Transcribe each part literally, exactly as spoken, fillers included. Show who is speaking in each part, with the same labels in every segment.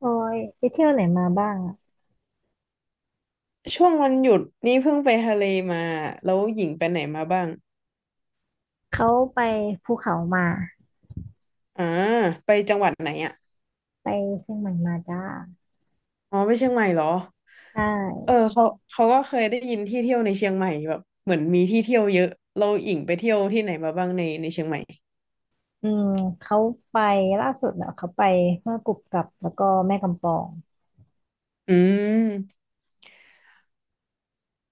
Speaker 1: โอ้ยไปเที่ยวไหนมาบ้างอะ
Speaker 2: ช่วงวันหยุดนี่เพิ่งไปทะเลมาแล้วหญิงไปไหนมาบ้าง
Speaker 1: เขาไปภูเขามา
Speaker 2: อ่าไปจังหวัดไหนอ่ะ
Speaker 1: ไปเชียงใหม่มาจ้า
Speaker 2: อ๋อไปเชียงใหม่เหรอ
Speaker 1: ใช
Speaker 2: เออ
Speaker 1: ่
Speaker 2: เขาเขาก็เคยได้ยินที่เที่ยวในเชียงใหม่แบบเหมือนมีที่เที่ยวเยอะเราหญิงไปเที่ยวที่ไหนมาบ้างในในเชียงใหม่
Speaker 1: อืมเขาไปล่าสุดเนอะเขาไปแม่กุบกับแล้วก็แม่กำปอง
Speaker 2: อืม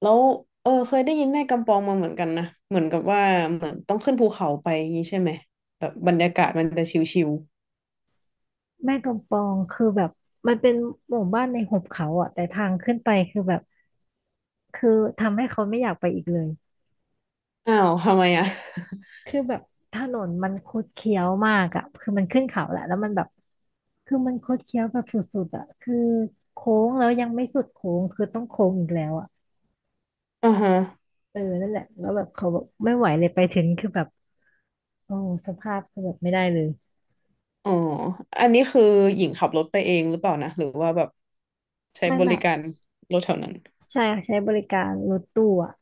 Speaker 2: แล้วเออเคยได้ยินแม่กำปองมาเหมือนกันนะเหมือนกับว่าเหมือนต้องขึ้นภูเขาไปอย่างนี้ใช่ไหมแบบบรรยากาศมันจะชิว
Speaker 1: แม่กำปองคือแบบมันเป็นหมู่บ้านในหุบเขาอะแต่ทางขึ้นไปคือแบบคือทำให้เขาไม่อยากไปอีกเลย
Speaker 2: ๆอ้าวทำไมอ่ะ
Speaker 1: คือแบบถนนมันคดเคี้ยวมากอะคือมันขึ้นเขาแหละแล้วมันแบบคือมันคดเคี้ยวแบบสุดๆอะคือโค้งแล้วยังไม่สุดโค้งคือต้องโค้งอีกแล้วอะ
Speaker 2: อ่าฮะ
Speaker 1: เออนั่นแหละแล้วแบบเขาบอกไม่ไหวเลยไปถึงคือแบบโอ้สภาพคือแบบไม่ได้เลย
Speaker 2: อ๋ออันนี้คือหญิงขับรถไปเองหรือเปล่านะหรือว่าแบบใช้
Speaker 1: ไม่
Speaker 2: บ
Speaker 1: ไม่
Speaker 2: ริการรถแถวนั้น
Speaker 1: ใช่ค่ะใช้บริการรถตู้อะ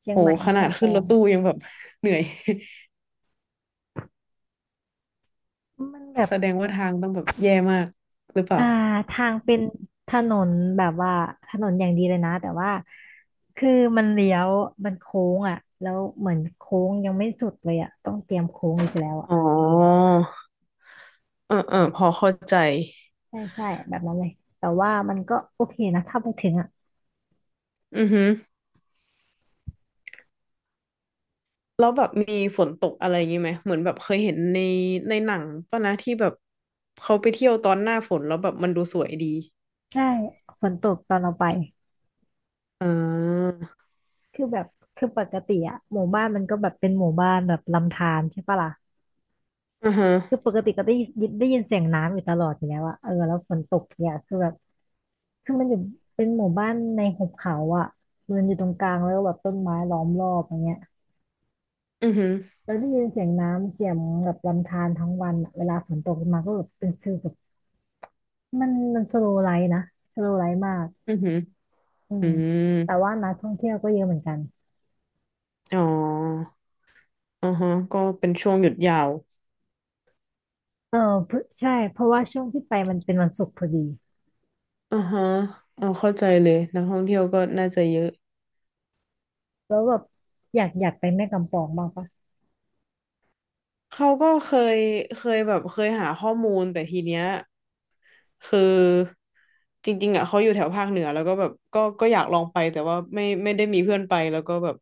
Speaker 1: เชียง
Speaker 2: โอ้
Speaker 1: ใหม่
Speaker 2: ข
Speaker 1: แม่
Speaker 2: นาด
Speaker 1: กำป
Speaker 2: ขึ้น
Speaker 1: อ
Speaker 2: รถ
Speaker 1: ง
Speaker 2: ตู้ยังแบบ เหนื่อย
Speaker 1: มันแบบ
Speaker 2: แสดงว่าทางต้องแบบแย่มากหรือเปล่า
Speaker 1: อ่าทางเป็นถนนแบบว่าถนนอย่างดีเลยนะแต่ว่าคือมันเลี้ยวมันโค้งอ่ะแล้วเหมือนโค้งยังไม่สุดเลยอ่ะต้องเตรียมโค้งอีกแล้วอ่ะ
Speaker 2: อ๋อเออเออ
Speaker 1: อื
Speaker 2: พอ
Speaker 1: ม
Speaker 2: เข้าใจ
Speaker 1: ใช่ใช่แบบนั้นเลยแต่ว่ามันก็โอเคนะถ้าไปถึงอ่ะ
Speaker 2: อือฮึแล้วแบบมีฝนตกอะไรอย่างนี้ไหมเหมือนแบบเคยเห็นในในหนังป่ะนะที่แบบเขาไปเที่ยวตอนหน้าฝนแล้วแบบมันดูสวยดี
Speaker 1: ใช่ฝนตกตอนเราไป
Speaker 2: อ่า
Speaker 1: คือแบบคือปกติอะหมู่บ้านมันก็แบบเป็นหมู่บ้านแบบลำธารใช่ปะล่ะ
Speaker 2: อือฮึ
Speaker 1: คือปกติก็ได้ยินได้ยินเสียงน้ำอยู่ตลอดอยู่แล้วอะเออแล้วฝนตกเนี่ยคือแบบคือมันอยู่เป็นหมู่บ้านในหุบเขาอะมันอยู่ตรงกลางแล้วก็แบบต้นไม้ล้อมรอบอย่างเงี้ย
Speaker 2: อือฮึ
Speaker 1: แล้วได้ยินเสียงน้ำเสียงแบบลำธารทั้งวันอะเวลาฝนตกมาก็แบบเป็นคือแบบมันมันสโลว์ไลฟ์นะสโลว์ไลฟ์มาก
Speaker 2: อือฮึ
Speaker 1: อื
Speaker 2: อื
Speaker 1: ม
Speaker 2: ม
Speaker 1: แต่ว่านักท่องเที่ยวก็เยอะเหมือนกัน
Speaker 2: อ๋อ อ่าฮะ ก็เป็นช่วงหยุดยาว
Speaker 1: เออเพิ่งใช่เพราะว่าช่วงที่ไปมันเป็นวันศุกร์พอดี
Speaker 2: อ่าฮะเอาเข้าใจเลยนักท่องเที่ยวก็น่าจะเยอะ
Speaker 1: แล้วแบบอยากอยากไปแม่กำปองบ้างปะ
Speaker 2: เขาก็เคยเคยแบบเคยหาข้อมูลแต่ทีเนี้ยคือจริงๆอ่ะเขาอยู่แถวภาคเหนือแล้วก็แบบก็ก็อยากลองไปแต่ว่าไม่ไม่ได้มีเพื่อนไปแล้วก็แบบ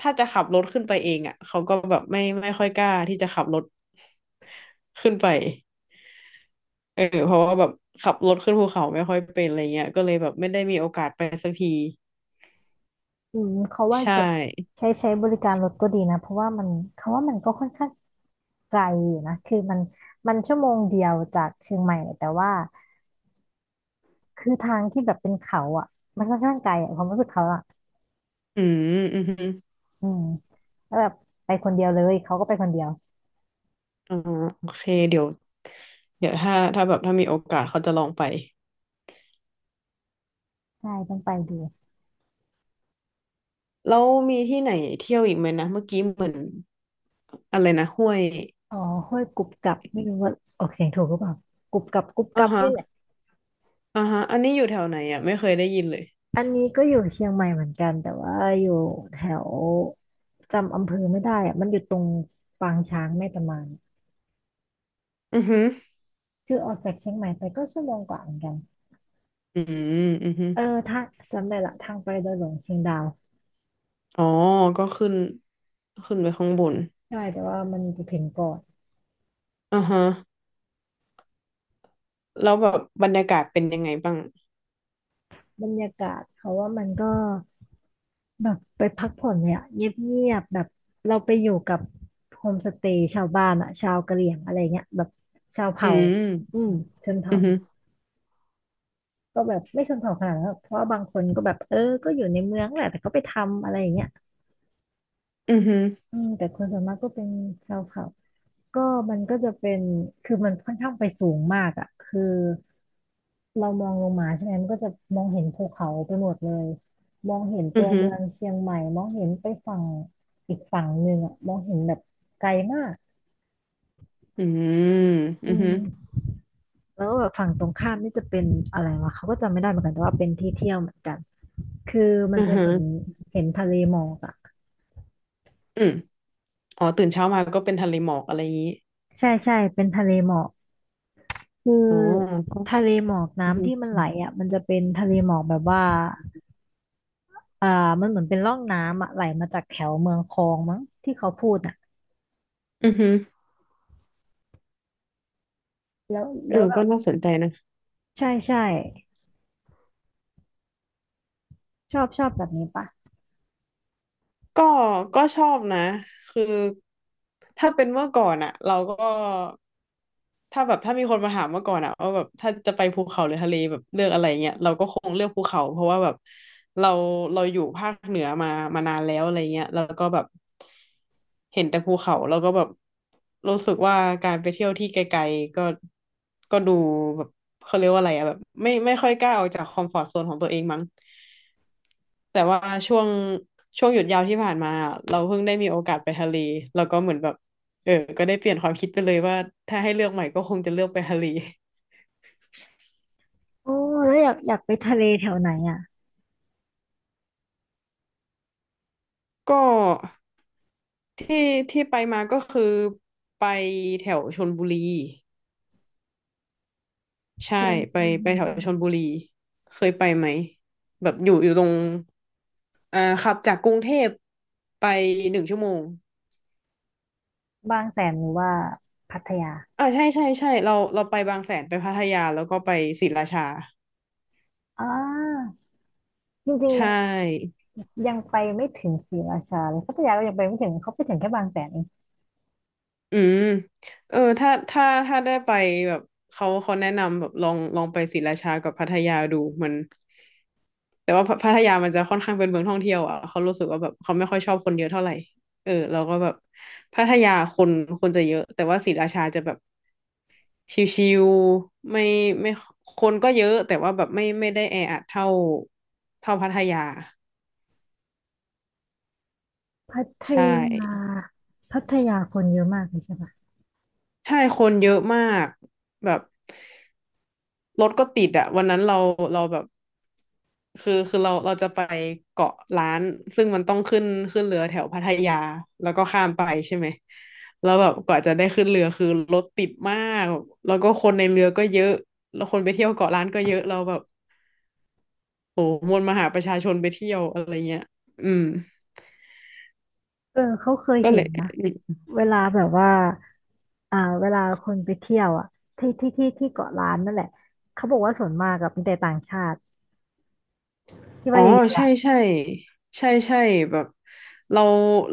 Speaker 2: ถ้าจะขับรถขึ้นไปเองอ่ะเขาก็แบบไม่ไม่ค่อยกล้าที่จะขับรถขึ้นไปเออเพราะว่าแบบขับรถขึ้นภูเขาไม่ค่อยเป็นอะไรเงี้ยก็เลยแบบไม่ได้มีโอกาสไปสักที
Speaker 1: อืมเขาว่า
Speaker 2: ใช่
Speaker 1: จะใช้ใช้บริการรถก็ดีนะเพราะว่ามันเขาว่ามันก็ค่อนข้างไกลอยู่นะคือมันมันชั่วโมงเดียวจากเชียงใหม่แต่ว่าคือทางที่แบบเป็นเขาอ่ะมันค่อนข้างไกลอะความรู้สึกเขาอ่ะ
Speaker 2: อืมอืม
Speaker 1: อืมแล้วแบบไปคนเดียวเลยเขาก็ไปคนเดียว
Speaker 2: อ๋อโอเคเดี๋ยวเดี๋ยวถ้าถ้าแบบถ้ามีโอกาสเขาจะลองไป
Speaker 1: ใช่ต้องไปดู
Speaker 2: แล้วมีที่ไหนเที่ยวอีกไหมนะเมื่อกี้เหมือนอะไรนะห้วย
Speaker 1: อ๋อห้วยกุบกับไม่รู้ว่าออกเสียงถูกหรือเปล่ากรุบกรับกรุบก
Speaker 2: อ่า
Speaker 1: รับ
Speaker 2: ฮะ
Speaker 1: นี่แหละ
Speaker 2: อ่าฮะอันนี้อยู่แถวไหนอ่ะไม่เคยได้ยินเลย
Speaker 1: อันนี้ก็อยู่เชียงใหม่เหมือนกันแต่ว่าอยู่แถวจำอำเภอไม่ได้อะมันอยู่ตรงปางช้างแม่ตะมาน
Speaker 2: อือหือ
Speaker 1: คือออกจากเชียงใหม่ไปก็ชั่วโมงกว่าเหมือนกัน
Speaker 2: ืมอือหือ
Speaker 1: เออถ้าจำได้ละทางไปดอยหลวงเชียงดาว
Speaker 2: ๋อก็ขึ้นขึ้นไปข้างบน
Speaker 1: ใช่แต่ว่ามันจะถึงก่อน
Speaker 2: อ่าฮะแล้วแบบบรรยากาศเป็นยังไงบ้าง
Speaker 1: บรรยากาศเขาว่ามันก็แบบไปพักผ่อนเลยอะเงียบๆแบบเราไปอยู่กับโฮมสเตย์ชาวบ้านอะชาวกะเหรี่ยงอะไรเงี้ยแบบชาว
Speaker 2: อื
Speaker 1: เผ่า
Speaker 2: ม
Speaker 1: อืมชนเผ่า
Speaker 2: อือหือ
Speaker 1: ก็แบบไม่ชนเผ่าขนาดนั้นหรอกเพราะว่าบางคนก็แบบเออก็อยู่ในเมืองแหละแต่ก็ไปทำอะไรอย่างเงี้ย
Speaker 2: ือหือ
Speaker 1: อืมแต่คนส่วนมากก็เป็นชาวเผ่าก็มันก็จะเป็นคือมันค่อนข้างไปสูงมากอ่ะคือเรามองลงมาใช่ไหมมันก็จะมองเห็นภูเขาไปหมดเลยมองเห็น
Speaker 2: ื
Speaker 1: ตั
Speaker 2: อ
Speaker 1: ว
Speaker 2: หือ
Speaker 1: เมืองเชียงใหม่มองเห็นไปฝั่งอีกฝั่งหนึ่งอ่ะมองเห็นแบบไกลมาก
Speaker 2: ืมอื
Speaker 1: อื
Speaker 2: อหอ
Speaker 1: มแล้วแบบฝั่งตรงข้ามนี่จะเป็นอะไรวะเขาก็จำไม่ได้เหมือนกันแต่ว่าเป็นที่เที่ยวเหมือนกันคือมั
Speaker 2: ื
Speaker 1: น
Speaker 2: อ
Speaker 1: จะ
Speaker 2: หอ
Speaker 1: เห็นเห็นทะเลหมอกอะ
Speaker 2: อืมอ๋อตื่นเช้ามาก็เป็นทะเลหมอกอะไรอย่างนี้
Speaker 1: ใช่ใช่เป็นทะเลหมอกคือ
Speaker 2: อ๋อ
Speaker 1: ทะเลหมอก
Speaker 2: อือฮึ
Speaker 1: น้ำที่มันไหลอ่ะมันจะเป็นทะเลหมอกแบบว่าอ่ามันเหมือนเป็นร่องน้ำอ่ะไหลมาจากแถวเมืองคองมั้งที่เขาพูดอ่ะ
Speaker 2: อือฮึ
Speaker 1: แล้ว
Speaker 2: เออ
Speaker 1: แล้วแบ
Speaker 2: ก็
Speaker 1: บ
Speaker 2: น่าสนใจนะ
Speaker 1: ใช่ใช่ชอบชอบแบบนี้ปะ
Speaker 2: ก็ก็ชอบนะคือถ้าเป็นเมื่อก่อนอะเราก็ถ้าแบบถ้ามีคนมาถามเมื่อก่อนอะว่าแบบถ้าจะไปภูเขาหรือทะเลแบบเลือกอะไรเงี้ยเราก็คงเลือกภูเขาเพราะว่าแบบเราเราอยู่ภาคเหนือมามานานแล้วอะไรเงี้ยแล้วก็แบบเห็นแต่ภูเขาแล้วก็แบบรู้สึกว่าการไปเที่ยวที่ไกลๆก็ก็ดูแบบเขาเรียกว่าอะไรอะแบบไม่ไม่ค่อยกล้าออกจากคอมฟอร์ตโซนของตัวเองมั้ง แต่ว่าช่วงช่วงหยุดยาวที่ผ่านมาอะเราเพิ่งได้มีโอกาสไปทะเลแล้วก็เหมือนแบบเออก็ได้เปลี่ยนความคิดไปเลยว่าถ้าให้เลือกใหม่ก็คงจะเลือกไปทะเล
Speaker 1: โอ้แล้วอยากอยากไปทะเลแถวไหนอ่ะ
Speaker 2: ก็ที่ที่ไปมาก็คือไปแถวชลบุรี
Speaker 1: ช
Speaker 2: ใช่
Speaker 1: ล
Speaker 2: ไป
Speaker 1: บุ
Speaker 2: ไป
Speaker 1: รี
Speaker 2: แถวชลบุรีเคยไปไหมแบบอยู่อยู่ตรงอ่าขับจากกรุงเทพไปหนึ่งชั่วโมง
Speaker 1: บางแสนหรือว่าพัทยา
Speaker 2: อ่าใช่ใช่ใช่เราเราไปบางแสนไปพัทยาแล้วก็ไปศรีราชา
Speaker 1: อ่าจริงๆ
Speaker 2: ใช่
Speaker 1: ยังยังไปไม่ถึงศรีราชาเลยพัทยาก็ยังไปไม่ถึงเขาไปถึงแค่บางแสนเอง
Speaker 2: อืมเออถ้าถ้าถ้าได้ไปแบบเขาเขาแนะนำแบบลองลองไปศรีราชากับพัทยาดูมันแต่ว่าพัพัทยามันจะค่อนข้างเป็นเมืองท่องเที่ยวอ่ะเขารู้สึกว่าแบบเขาไม่ค่อยชอบคนเยอะเท่าไหร่เออเราก็แบบพัทยาคนคนจะเยอะแต่ว่าศรีราชาจะแบบชิวๆไม่ไม่คนก็เยอะแต่ว่าแบบไม่ไม่ได้แออัดเท่าเท่าพัทยา
Speaker 1: พัท
Speaker 2: ใช่
Speaker 1: ยาพัทยาคนเยอะมากเลยใช่ปะ
Speaker 2: ใช่คนเยอะมากแบบรถก็ติดอะวันนั้นเราเราแบบ คือคือเราเราจะไปเกาะล้านซึ่งมันต้องขึ้นขึ้นเรือแถวพัทยาแล้วก็ข้ามไปใช่ไหมแล้วแบบกว่าจะได้ขึ้นเรือคือรถติดมากแล้วก็คนในเรือก็เยอะแล้วคนไปเที่ยวเกาะล้านก็เยอะเราแบบโหมวลมหาประชาชนไปเที่ยวอะไรเงี้ยอืม
Speaker 1: เออเขาเคย
Speaker 2: ก็เล
Speaker 1: เห็น
Speaker 2: ย
Speaker 1: นะเวลาแบบว่าอ่าเวลาคนไปเที่ยวอ่ะที่ที่ที่ที่เกาะล้านนั่นแหละเขาบอกว่าส่วนมากกับมีแต่ต่างชาติที่
Speaker 2: อ๋
Speaker 1: ว่า
Speaker 2: อ
Speaker 1: เยอะๆ
Speaker 2: ใช่
Speaker 1: อะ
Speaker 2: ใช่ใช่ใช่แบบเรา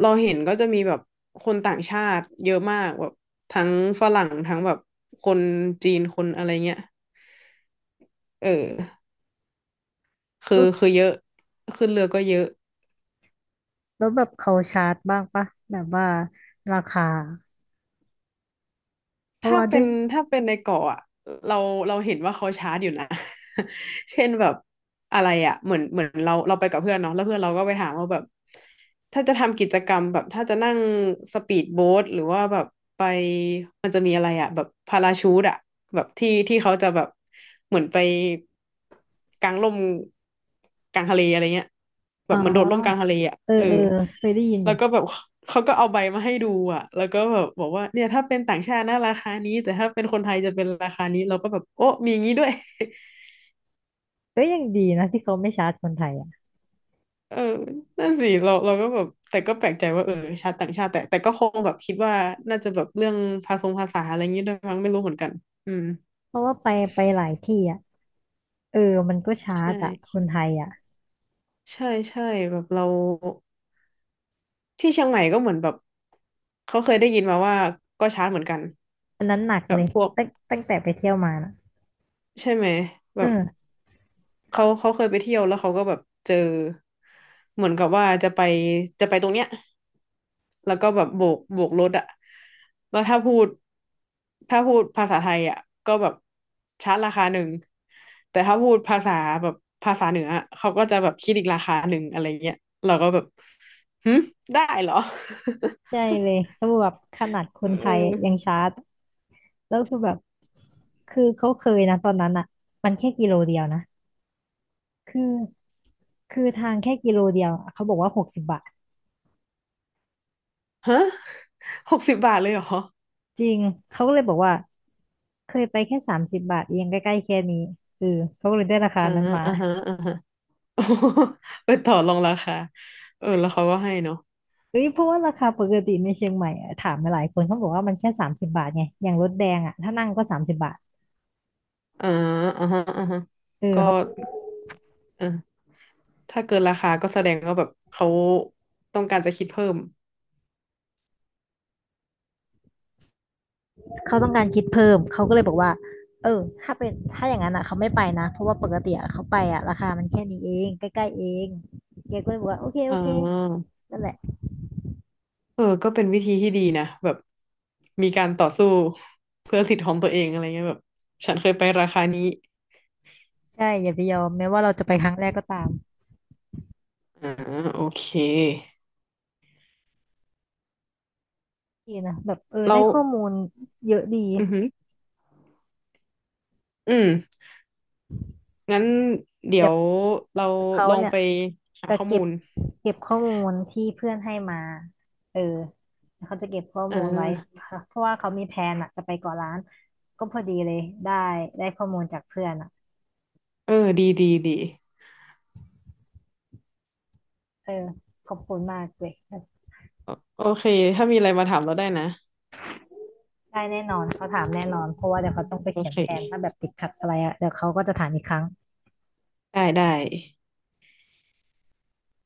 Speaker 2: เราเห็นก็จะมีแบบคนต่างชาติเยอะมากแบบทั้งฝรั่งทั้งแบบคนจีนคนอะไรเงี้ยเออ คื
Speaker 1: แล้ว
Speaker 2: อคือเยอะขึ้นเรือก็เยอะ
Speaker 1: แล้วแบบเขาชาร์จบ้างปะแบบว่าราคาเพราะ
Speaker 2: ถ้า
Speaker 1: ว่าด้
Speaker 2: เป็
Speaker 1: วย
Speaker 2: นถ้าเป็นในเกาะอะเราเราเห็นว่าเขาชาร์จอยู่นะ เช่นแบบอะไรอ่ะเหมือนเหมือนเราเราไปกับเพื่อนเนาะแล้วเพื่อนเราก็ไปถามว่าแบบถ้าจะทำกิจกรรมแบบถ้าจะนั่งสปีดโบ๊ทหรือว่าแบบไปมันจะมีอะไรอ่ะแบบพาราชูทอ่ะแบบที่ที่เขาจะแบบเหมือนไป กลางร่มกลางทะเลอะไรเงี้ยแบ
Speaker 1: อ๋
Speaker 2: บเหมือนโดดร่มกลาง
Speaker 1: อ
Speaker 2: ทะเลอ่ะ
Speaker 1: เอ
Speaker 2: เอ
Speaker 1: อ
Speaker 2: อ
Speaker 1: เออเคยได้ยินอ
Speaker 2: แล้ว
Speaker 1: ยู่
Speaker 2: ก็แบบเขาก็เอาใบมาให้ดูอ่ะแล้วก็แบบบอกว่าเนี่ยถ้าเป็นต่างชาตินะราคานี้แต่ถ้าเป็นคนไทยจะเป็นราคานี้เราก็แบบโอ้มีอย่างนี้ด้วย
Speaker 1: ก็ยังดีนะที่เขาไม่ชาร์จคนไทยอ่ะ
Speaker 2: เออนั่นสิเราเราก็แบบแต่ก็แปลกใจว่าเออชาติต่างชาติแต่แต่ก็คงแบบคิดว่าน่าจะแบบเรื่องภาษงภาษาอะไรอย่างนี้ด้วยมั้งไม่รู้เหมือนกันอืม
Speaker 1: เพราะว่าไปไปหลายที่อ่ะเออมันก็ชาร์
Speaker 2: ใช่
Speaker 1: จอ่ะคนไทยอ่ะ
Speaker 2: ใช่ใช่แบบเรา ที่เชียงใหม่ก็เหมือนแบบเขาเคยได้ยินมาว่าก็ชาร์จเหมือนกัน
Speaker 1: อันนั้นหนัก
Speaker 2: แบ
Speaker 1: เล
Speaker 2: บ
Speaker 1: ย
Speaker 2: พวก
Speaker 1: ตั้งตั้งแต่ไปเที่ยวมานะ
Speaker 2: ใช่ไหมแบบ
Speaker 1: เออ
Speaker 2: เขาเขาเคยไปเที่ยวแล้วเขาก็แบบเจอเหมือนกับว่าจะไปจะไปตรงเนี้ยแล้วก็แบบโบกโบกรถอะแล้วถ้าพูดถ้าพูดภาษาไทยอะก็แบบชาร์จราคาหนึ่งแต่ถ้าพูดภาษาแบบภาษาเหนือเขาก็จะแบบคิดอีกราคาหนึ่งอะไรเงี้ยเราก็แบบหึได้เหรอ
Speaker 1: ใช่เลยเขาบอกแบบขนาดคนไท ย
Speaker 2: เออ
Speaker 1: ยังชาร์จ แล้วคือแบบคือเขาเคยนะตอนนั้นอ่ะมันแค่กิโลเดียวนะ คือคือทางแค่กิโลเดียวอะเขาบอกว่าหกสิบบาท
Speaker 2: ฮะ หกสิบบาทเลยเหรอ
Speaker 1: จริง เขาก็เลยบอกว่า เคยไปแค่สามสิบบาทเองใกล้ๆแค่นี้เออเขาก็เลยได้ราคา
Speaker 2: อ่า
Speaker 1: นั้นมา
Speaker 2: อ่าฮะอ่าฮะ โอ้โหไปต่อรองราคา เออ แล้วเขาก็ให้เนาะ
Speaker 1: เอ้ยเพราะว่าราคาปกติในเชียงใหม่อะถามมาหลายคนเขาบอกว่ามันแค่สามสิบบาทไงอย่างรถแดงอ่ะถ้านั่งก็สามสิบบาท
Speaker 2: อ่าอ่าฮะอ่าฮะ
Speaker 1: เออ
Speaker 2: ก็
Speaker 1: เขา
Speaker 2: เออถ้าเกินราคาก็แสดงว่าแบบเขาต้องการจะคิดเพิ่ม
Speaker 1: เขาต้องการคิดเพิ่มเขาก็เลยบอกว่าเออถ้าเป็นถ้าอย่างนั้นอ่ะเขาไม่ไปนะเพราะว่าปกติเขาไปอ่ะราคามันแค่นี้เองใกล้ๆเองแกก็เลยบอกว่าโอเค
Speaker 2: อ่
Speaker 1: โอเค
Speaker 2: า
Speaker 1: นั่นแหละ
Speaker 2: เออ ก็เป็นวิธีที่ดีนะแบบมีการต่อสู้ เพื่อสิทธิ์ของตัวเองอะไรเงี้ยแบบฉันเคยไปราคานี้
Speaker 1: ใช่อย่าไปยอมแม้ว่าเราจะไปครั้งแรกก็ตาม
Speaker 2: อ่าโอเค
Speaker 1: ดีนะแบบเออ
Speaker 2: เรา
Speaker 1: ได้ข้อมูลเยอะดี
Speaker 2: อือหืออืมงั้นเดี๋
Speaker 1: เดี๋
Speaker 2: ย
Speaker 1: ยว
Speaker 2: วเรา
Speaker 1: เขา
Speaker 2: ลอง
Speaker 1: เนี่ย
Speaker 2: ไปหา
Speaker 1: จะ
Speaker 2: ข้อ
Speaker 1: เก็
Speaker 2: มู
Speaker 1: บ
Speaker 2: ล
Speaker 1: เก็บข้อมูลที่เพื่อนให้มาเออเขาจะเก็บข้อ
Speaker 2: เออ
Speaker 1: มูลไว้เพราะว่าเขามีแผนอะจะไปเกาะล้านก็พอดีเลยได้ได้ข้อมูลจากเพื่อนอะ
Speaker 2: เออ ดีดีดี
Speaker 1: เออขอบคุณมากเลย
Speaker 2: โอโอเค ถ้ามีอะไรมาถามเราได้นะ
Speaker 1: ได้แน่นอนเขาถามแน่นอนเพราะว่าเดี๋ยวเขาต้องไป
Speaker 2: โอ
Speaker 1: เขียน
Speaker 2: เค
Speaker 1: แผนถ้าแบบติดขัดอะไรอะเดี๋ยวเขาก็จะถามอีกครั้ง
Speaker 2: ได้ได้